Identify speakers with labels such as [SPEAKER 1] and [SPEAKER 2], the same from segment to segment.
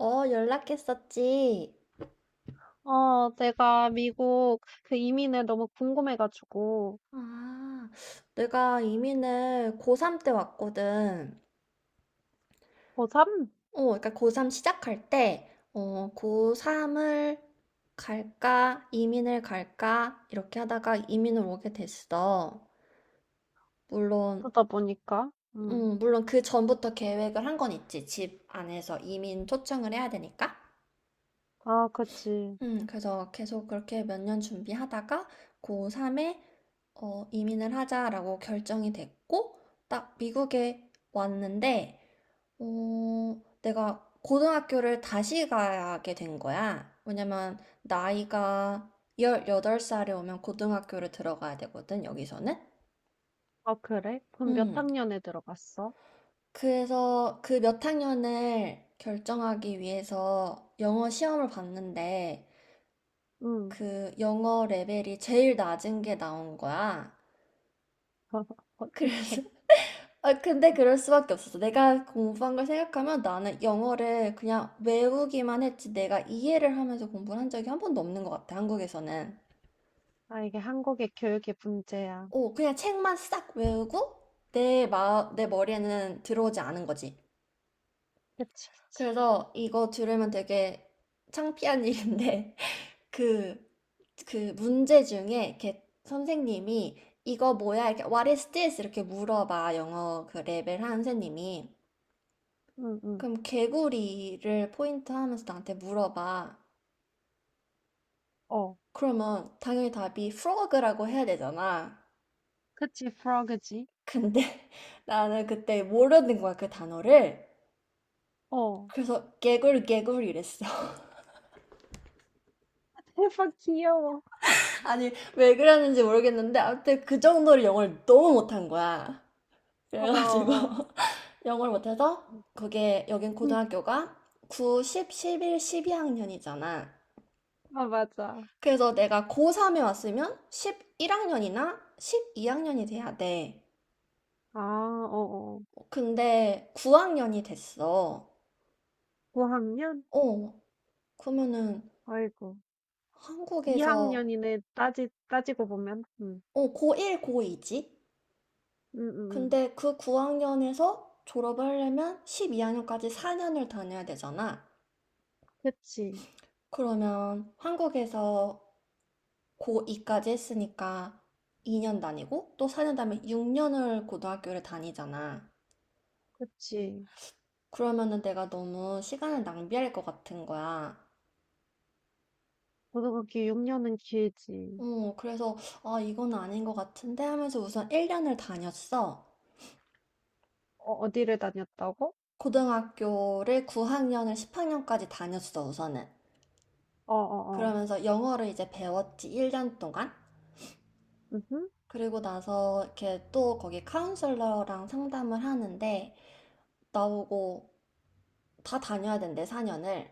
[SPEAKER 1] 어, 연락했었지.
[SPEAKER 2] 어, 내가 미국 그 이민을 너무 궁금해가지고,
[SPEAKER 1] 아, 내가 이민을 고3 때 왔거든.
[SPEAKER 2] 고3?
[SPEAKER 1] 어, 그러니까 고3 시작할 때, 고3을 갈까, 이민을 갈까, 이렇게 하다가 이민을 오게 됐어. 물론,
[SPEAKER 2] 그러다 보니까,
[SPEAKER 1] 물론 그 전부터 계획을 한 건 있지. 집 안에서 이민 초청을 해야 되니까.
[SPEAKER 2] 아, 그치.
[SPEAKER 1] 그래서 계속 그렇게 몇 년 준비하다가 고3에 이민을 하자라고 결정이 됐고, 딱 미국에 왔는데, 내가 고등학교를 다시 가게 된 거야. 왜냐면 나이가 18살에 오면 고등학교를 들어가야 되거든, 여기서는.
[SPEAKER 2] 아, 그래? 그럼 몇
[SPEAKER 1] 음,
[SPEAKER 2] 학년에 들어갔어?
[SPEAKER 1] 그래서 그 몇 학년을 결정하기 위해서 영어 시험을 봤는데,
[SPEAKER 2] 응.
[SPEAKER 1] 그 영어 레벨이 제일 낮은 게 나온 거야. 그래서
[SPEAKER 2] 어떡해.
[SPEAKER 1] 아 근데 그럴 수밖에 없었어. 내가 공부한 걸 생각하면 나는 영어를 그냥 외우기만 했지 내가 이해를 하면서 공부를 한 적이 한 번도 없는 것 같아. 한국에서는.
[SPEAKER 2] 아, 이게 한국의 교육의 문제야.
[SPEAKER 1] 오, 그냥 책만 싹 외우고 내 머리에는 들어오지 않은 거지.
[SPEAKER 2] 그치.
[SPEAKER 1] 그래서 이거 들으면 되게 창피한 일인데 그, 그 문제 중에 이렇게 선생님이 이거 뭐야? 이렇게 What is this? 이렇게 물어봐. 영어 그 레벨 한 선생님이.
[SPEAKER 2] 응, 응.
[SPEAKER 1] 그럼 개구리를 포인트 하면서 나한테 물어봐.
[SPEAKER 2] 어.
[SPEAKER 1] 그러면 당연히 답이 frog라고 해야 되잖아.
[SPEAKER 2] 그치, 프로그지?
[SPEAKER 1] 근데 나는 그때 모르는 거야, 그 단어를.
[SPEAKER 2] 어.
[SPEAKER 1] 그래서 개구리 개구리 이랬어.
[SPEAKER 2] 대박 귀여워.
[SPEAKER 1] 아니, 왜 그랬는지 모르겠는데 아무튼 그 정도로 영어를 너무 못한 거야.
[SPEAKER 2] 어,
[SPEAKER 1] 그래가지고
[SPEAKER 2] 어. 어.
[SPEAKER 1] 영어를 못해서 그게 여긴
[SPEAKER 2] 음,
[SPEAKER 1] 고등학교가 9, 10, 11, 12학년이잖아.
[SPEAKER 2] 아, 맞아.
[SPEAKER 1] 그래서 내가 고3에 왔으면 11학년이나 12학년이 돼야 돼.
[SPEAKER 2] 아, 어, 어.
[SPEAKER 1] 근데 9학년이 됐어.
[SPEAKER 2] 9학년?
[SPEAKER 1] 어, 그러면은
[SPEAKER 2] 아이고.
[SPEAKER 1] 한국에서
[SPEAKER 2] 2학년이네, 따지고 보면. 음.
[SPEAKER 1] 고1, 고2지?
[SPEAKER 2] 응응 응.
[SPEAKER 1] 근데 그 9학년에서 졸업을 하려면 12학년까지 4년을 다녀야 되잖아.
[SPEAKER 2] 그치,
[SPEAKER 1] 그러면 한국에서 고2까지 했으니까 2년 다니고 또 4년 다음에 6년을 고등학교를 다니잖아.
[SPEAKER 2] 그치.
[SPEAKER 1] 그러면은 내가 너무 시간을 낭비할 것 같은 거야.
[SPEAKER 2] 고등학교 6년은 길지.
[SPEAKER 1] 그래서 아, 이건 아닌 것 같은데 하면서 우선 1년을 다녔어.
[SPEAKER 2] 어, 어디를 다녔다고?
[SPEAKER 1] 고등학교를 9학년을 10학년까지 다녔어, 우선은.
[SPEAKER 2] 어어어.
[SPEAKER 1] 그러면서 영어를 이제 배웠지, 1년 동안.
[SPEAKER 2] 응흠
[SPEAKER 1] 그리고 나서 이렇게 또 거기 카운슬러랑 상담을 하는데 나오고 다 다녀야 된대, 4년을.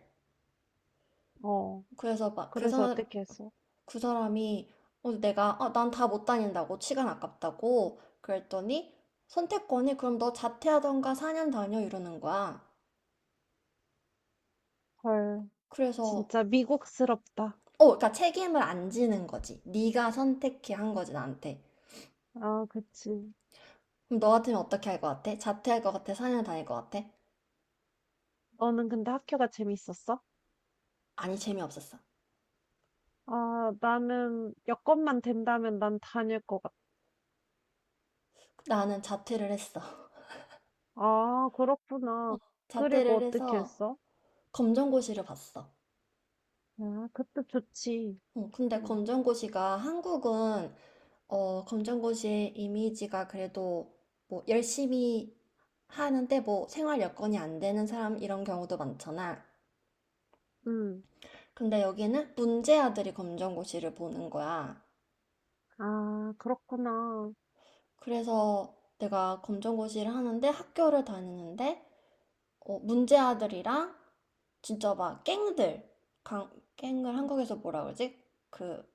[SPEAKER 2] 어.
[SPEAKER 1] 그래서 막그
[SPEAKER 2] 그래서 어떻게 했어?
[SPEAKER 1] 그 사람이 난 다 못 다닌다고 시간 아깝다고 그랬더니 선택권이 그럼 너 자퇴하던가 4년 다녀 이러는 거야.
[SPEAKER 2] 헐,
[SPEAKER 1] 그래서
[SPEAKER 2] 진짜 미국스럽다.
[SPEAKER 1] 그러니까 책임을 안 지는 거지. 네가 선택해 한 거지 나한테.
[SPEAKER 2] 아, 그치.
[SPEAKER 1] 그럼 너 같으면 어떻게 할 것 같아? 자퇴할 것 같아? 4년 다닐 것 같아?
[SPEAKER 2] 너는 근데 학교가 재밌었어?
[SPEAKER 1] 아니 재미없었어.
[SPEAKER 2] 아, 나는 여건만 된다면 난 다닐 것 같아.
[SPEAKER 1] 나는 자퇴를 했어.
[SPEAKER 2] 아, 그렇구나. 그리고
[SPEAKER 1] 자퇴를
[SPEAKER 2] 어떻게
[SPEAKER 1] 해서
[SPEAKER 2] 했어?
[SPEAKER 1] 검정고시를 봤어.
[SPEAKER 2] 아, 그때 좋지.
[SPEAKER 1] 근데
[SPEAKER 2] 응,
[SPEAKER 1] 검정고시가 한국은 검정고시의 이미지가 그래도 뭐 열심히 하는데 뭐 생활 여건이 안 되는 사람 이런 경우도 많잖아.
[SPEAKER 2] 응.
[SPEAKER 1] 근데 여기는 문제아들이 검정고시를 보는 거야.
[SPEAKER 2] 아, 그렇구나.
[SPEAKER 1] 그래서 내가 검정고시를 하는데 학교를 다니는데 문제아들이랑 진짜 막 갱들, 강, 갱을 한국에서 뭐라 그러지? 그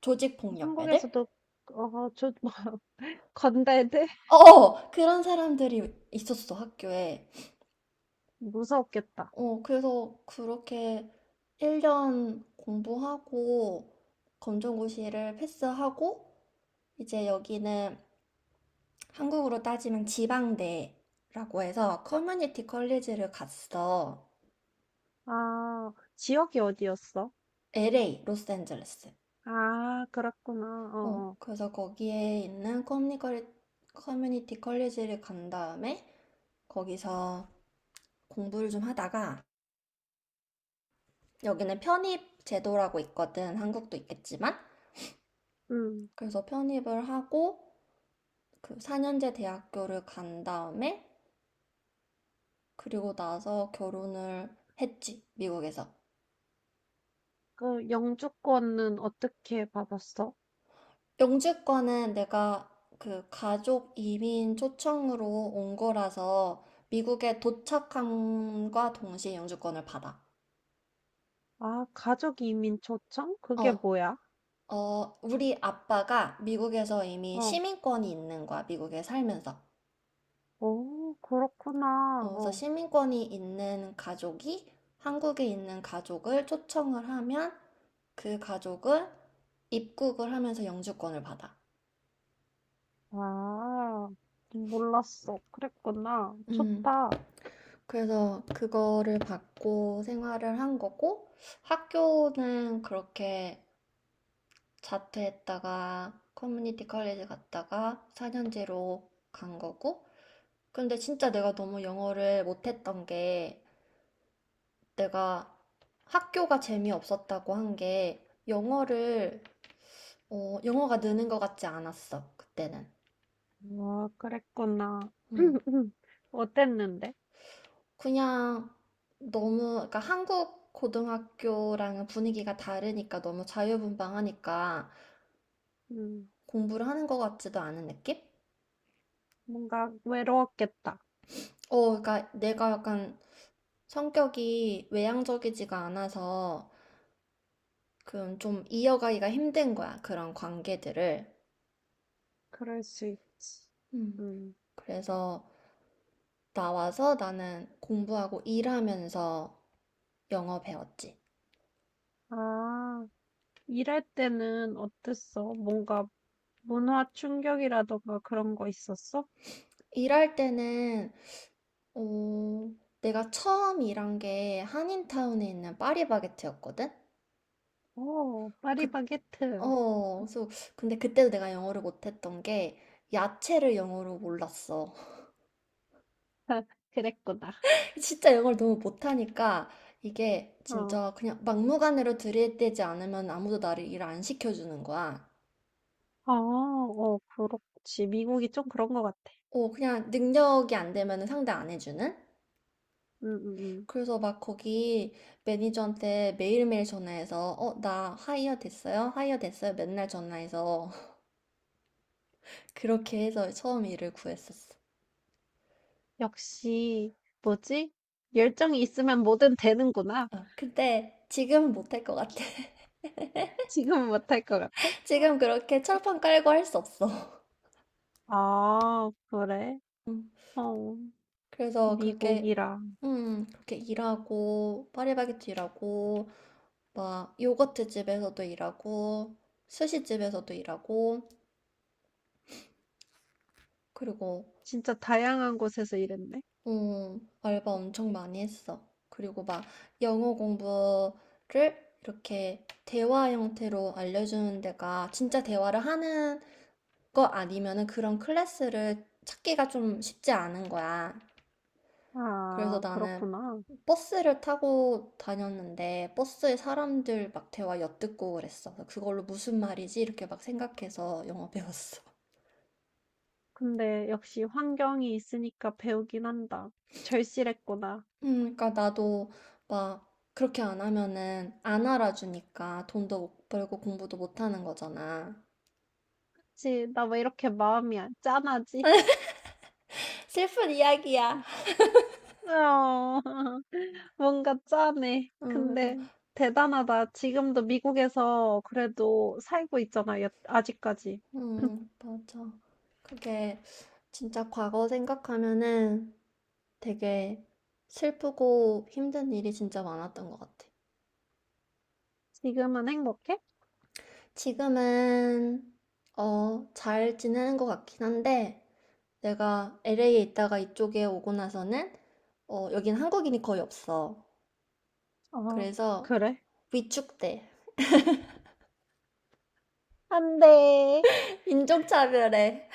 [SPEAKER 1] 조직 폭력배들?
[SPEAKER 2] 한국에서도 어, 저 건달들?
[SPEAKER 1] 어, 어, 그런 사람들이 있었어, 학교에.
[SPEAKER 2] 무서웠겠다.
[SPEAKER 1] 그래서 그렇게 1년 공부하고 검정고시를 패스하고 이제 여기는 한국으로 따지면 지방대라고 해서 커뮤니티 컬리지를 갔어.
[SPEAKER 2] 아, 지역이 어디였어?
[SPEAKER 1] LA, 로스앤젤레스.
[SPEAKER 2] 아, 그렇구나. 어, 어.
[SPEAKER 1] 그래서 거기에 있는 커뮤니티 컬리지를 간 다음에 거기서 공부를 좀 하다가 여기는 편입 제도라고 있거든. 한국도 있겠지만.
[SPEAKER 2] 음.
[SPEAKER 1] 그래서 편입을 하고 그 4년제 대학교를 간 다음에 그리고 나서 결혼을 했지, 미국에서.
[SPEAKER 2] 그 영주권은 어떻게 받았어?
[SPEAKER 1] 영주권은 내가 그 가족 이민 초청으로 온 거라서 미국에 도착함과 동시에 영주권을 받아.
[SPEAKER 2] 아, 가족 이민 초청? 그게
[SPEAKER 1] 어,
[SPEAKER 2] 뭐야?
[SPEAKER 1] 어, 우리 아빠가 미국에서 이미
[SPEAKER 2] 어.
[SPEAKER 1] 시민권이 있는 거야, 미국에 살면서.
[SPEAKER 2] 오, 그렇구나.
[SPEAKER 1] 그래서
[SPEAKER 2] 어.
[SPEAKER 1] 시민권이 있는 가족이 한국에 있는 가족을 초청을 하면 그 가족은 입국을 하면서 영주권을 받아.
[SPEAKER 2] 아, 몰랐어. 그랬구나.
[SPEAKER 1] 음,
[SPEAKER 2] 좋다.
[SPEAKER 1] 그래서 그거를 받고 생활을 한 거고, 학교는 그렇게 자퇴했다가 커뮤니티 컬리지 갔다가 4년제로 간 거고, 근데 진짜 내가 너무 영어를 못했던 게, 내가 학교가 재미없었다고 한 게, 영어가 느는 것 같지 않았어, 그때는.
[SPEAKER 2] 아, 그랬구나.
[SPEAKER 1] 음.
[SPEAKER 2] 어땠는데?
[SPEAKER 1] 그냥 너무, 그러니까 한국 고등학교랑은 분위기가 다르니까 너무 자유분방하니까
[SPEAKER 2] 음.
[SPEAKER 1] 공부를 하는 것 같지도 않은 느낌?
[SPEAKER 2] 뭔가 외로웠겠다.
[SPEAKER 1] 그러니까 내가 약간 성격이 외향적이지가 않아서 그좀 이어가기가 힘든 거야, 그런 관계들을.
[SPEAKER 2] 그럴 수 있지.
[SPEAKER 1] 음.
[SPEAKER 2] 음.
[SPEAKER 1] 그래서 나와서 나는 공부하고 일하면서 영어 배웠지.
[SPEAKER 2] 아, 일할 때는 어땠어? 뭔가 문화 충격이라던가 그런 거 있었어?
[SPEAKER 1] 일할 때는 어, 내가 처음 일한 게 한인타운에 있는 파리바게트였거든?
[SPEAKER 2] 오,
[SPEAKER 1] 그,
[SPEAKER 2] 파리바게트.
[SPEAKER 1] 어, 그래서, 근데 그때도 내가 영어를 못했던 게 야채를 영어로 몰랐어.
[SPEAKER 2] 그랬구나.
[SPEAKER 1] 진짜 영어를 너무 못하니까 이게
[SPEAKER 2] 어.
[SPEAKER 1] 진짜 그냥 막무가내로 들이대지 않으면 아무도 나를 일 안 시켜주는 거야.
[SPEAKER 2] 어, 어, 그렇지. 미국이 좀 그런 것 같아.
[SPEAKER 1] 그냥 능력이 안 되면 상대 안 해주는?
[SPEAKER 2] 응, 응, 응.
[SPEAKER 1] 그래서 막 거기 매니저한테 매일매일 전화해서, 나 하이어 됐어요? 하이어 됐어요? 맨날 전화해서 그렇게 해서 처음 일을 구했었어.
[SPEAKER 2] 역시, 뭐지? 열정이 있으면 뭐든 되는구나.
[SPEAKER 1] 아, 근데 지금은 못 할 것 같아.
[SPEAKER 2] 지금은 못할 것 같아? 어.
[SPEAKER 1] 지금 그렇게 철판 깔고 할 수 없어.
[SPEAKER 2] 아, 그래?
[SPEAKER 1] 음,
[SPEAKER 2] 어,
[SPEAKER 1] 그래서 그렇게,
[SPEAKER 2] 미국이라.
[SPEAKER 1] 그렇게 일하고, 파리바게트 일하고, 막 요거트 집에서도 일하고, 스시 집에서도 일하고, 그리고,
[SPEAKER 2] 진짜 다양한 곳에서 일했네.
[SPEAKER 1] 알바 엄청 많이 했어. 그리고 막 영어 공부를 이렇게 대화 형태로 알려주는 데가 진짜 대화를 하는 거 아니면은 그런 클래스를 찾기가 좀 쉽지 않은 거야. 그래서
[SPEAKER 2] 아,
[SPEAKER 1] 나는
[SPEAKER 2] 그렇구나.
[SPEAKER 1] 버스를 타고 다녔는데 버스에 사람들 막 대화 엿듣고 그랬어. 그걸로 무슨 말이지? 이렇게 막 생각해서 영어 배웠어.
[SPEAKER 2] 근데 역시 환경이 있으니까 배우긴 한다. 절실했구나.
[SPEAKER 1] 그러니까 나도 막 그렇게 안 하면은 안 알아주니까 돈도 못 벌고 공부도 못 하는 거잖아.
[SPEAKER 2] 그치, 나 왜 이렇게 마음이 안- 짠하지?
[SPEAKER 1] 슬픈 이야기야.
[SPEAKER 2] 어, 뭔가 짠해.
[SPEAKER 1] 그래서
[SPEAKER 2] 근데 대단하다. 지금도 미국에서 그래도 살고 있잖아, 여- 아직까지.
[SPEAKER 1] 맞아. 그게 진짜 과거 생각하면은 되게 슬프고 힘든 일이 진짜 많았던 것 같아.
[SPEAKER 2] 지금은 행복해?
[SPEAKER 1] 지금은, 잘 지내는 것 같긴 한데, 내가 LA에 있다가 이쪽에 오고 나서는, 여긴 한국인이 거의 없어.
[SPEAKER 2] 어,
[SPEAKER 1] 그래서
[SPEAKER 2] 그래?
[SPEAKER 1] 위축돼.
[SPEAKER 2] 안 돼.
[SPEAKER 1] 인종차별해.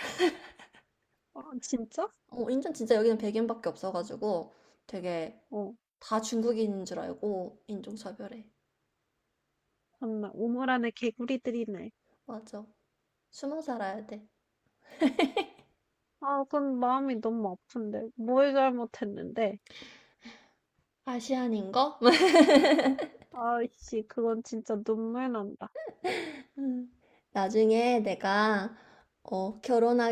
[SPEAKER 2] 어, 진짜?
[SPEAKER 1] 인천 진짜 여기는 백인밖에 없어가지고 되게
[SPEAKER 2] 어,
[SPEAKER 1] 다 중국인인 줄 알고 인종차별해.
[SPEAKER 2] 정말 우물 안에 개구리들이네.
[SPEAKER 1] 맞아. 숨어 살아야 돼.
[SPEAKER 2] 아, 그건 마음이 너무 아픈데. 뭘 잘못했는데.
[SPEAKER 1] 아시안인 거?
[SPEAKER 2] 아이씨, 그건 진짜 눈물 난다.
[SPEAKER 1] 음, 나중에 내가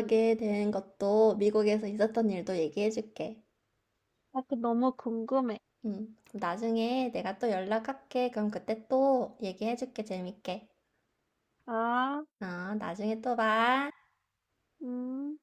[SPEAKER 2] 음.
[SPEAKER 1] 된 것도 미국에서 있었던 일도 얘기해 줄게.
[SPEAKER 2] 아, 그 너무 궁금해.
[SPEAKER 1] 그럼 나중에 내가 또 연락할게. 그럼 그때 또 얘기해 줄게. 재밌게.
[SPEAKER 2] 아,
[SPEAKER 1] 어, 나중에 또 봐.
[SPEAKER 2] 음.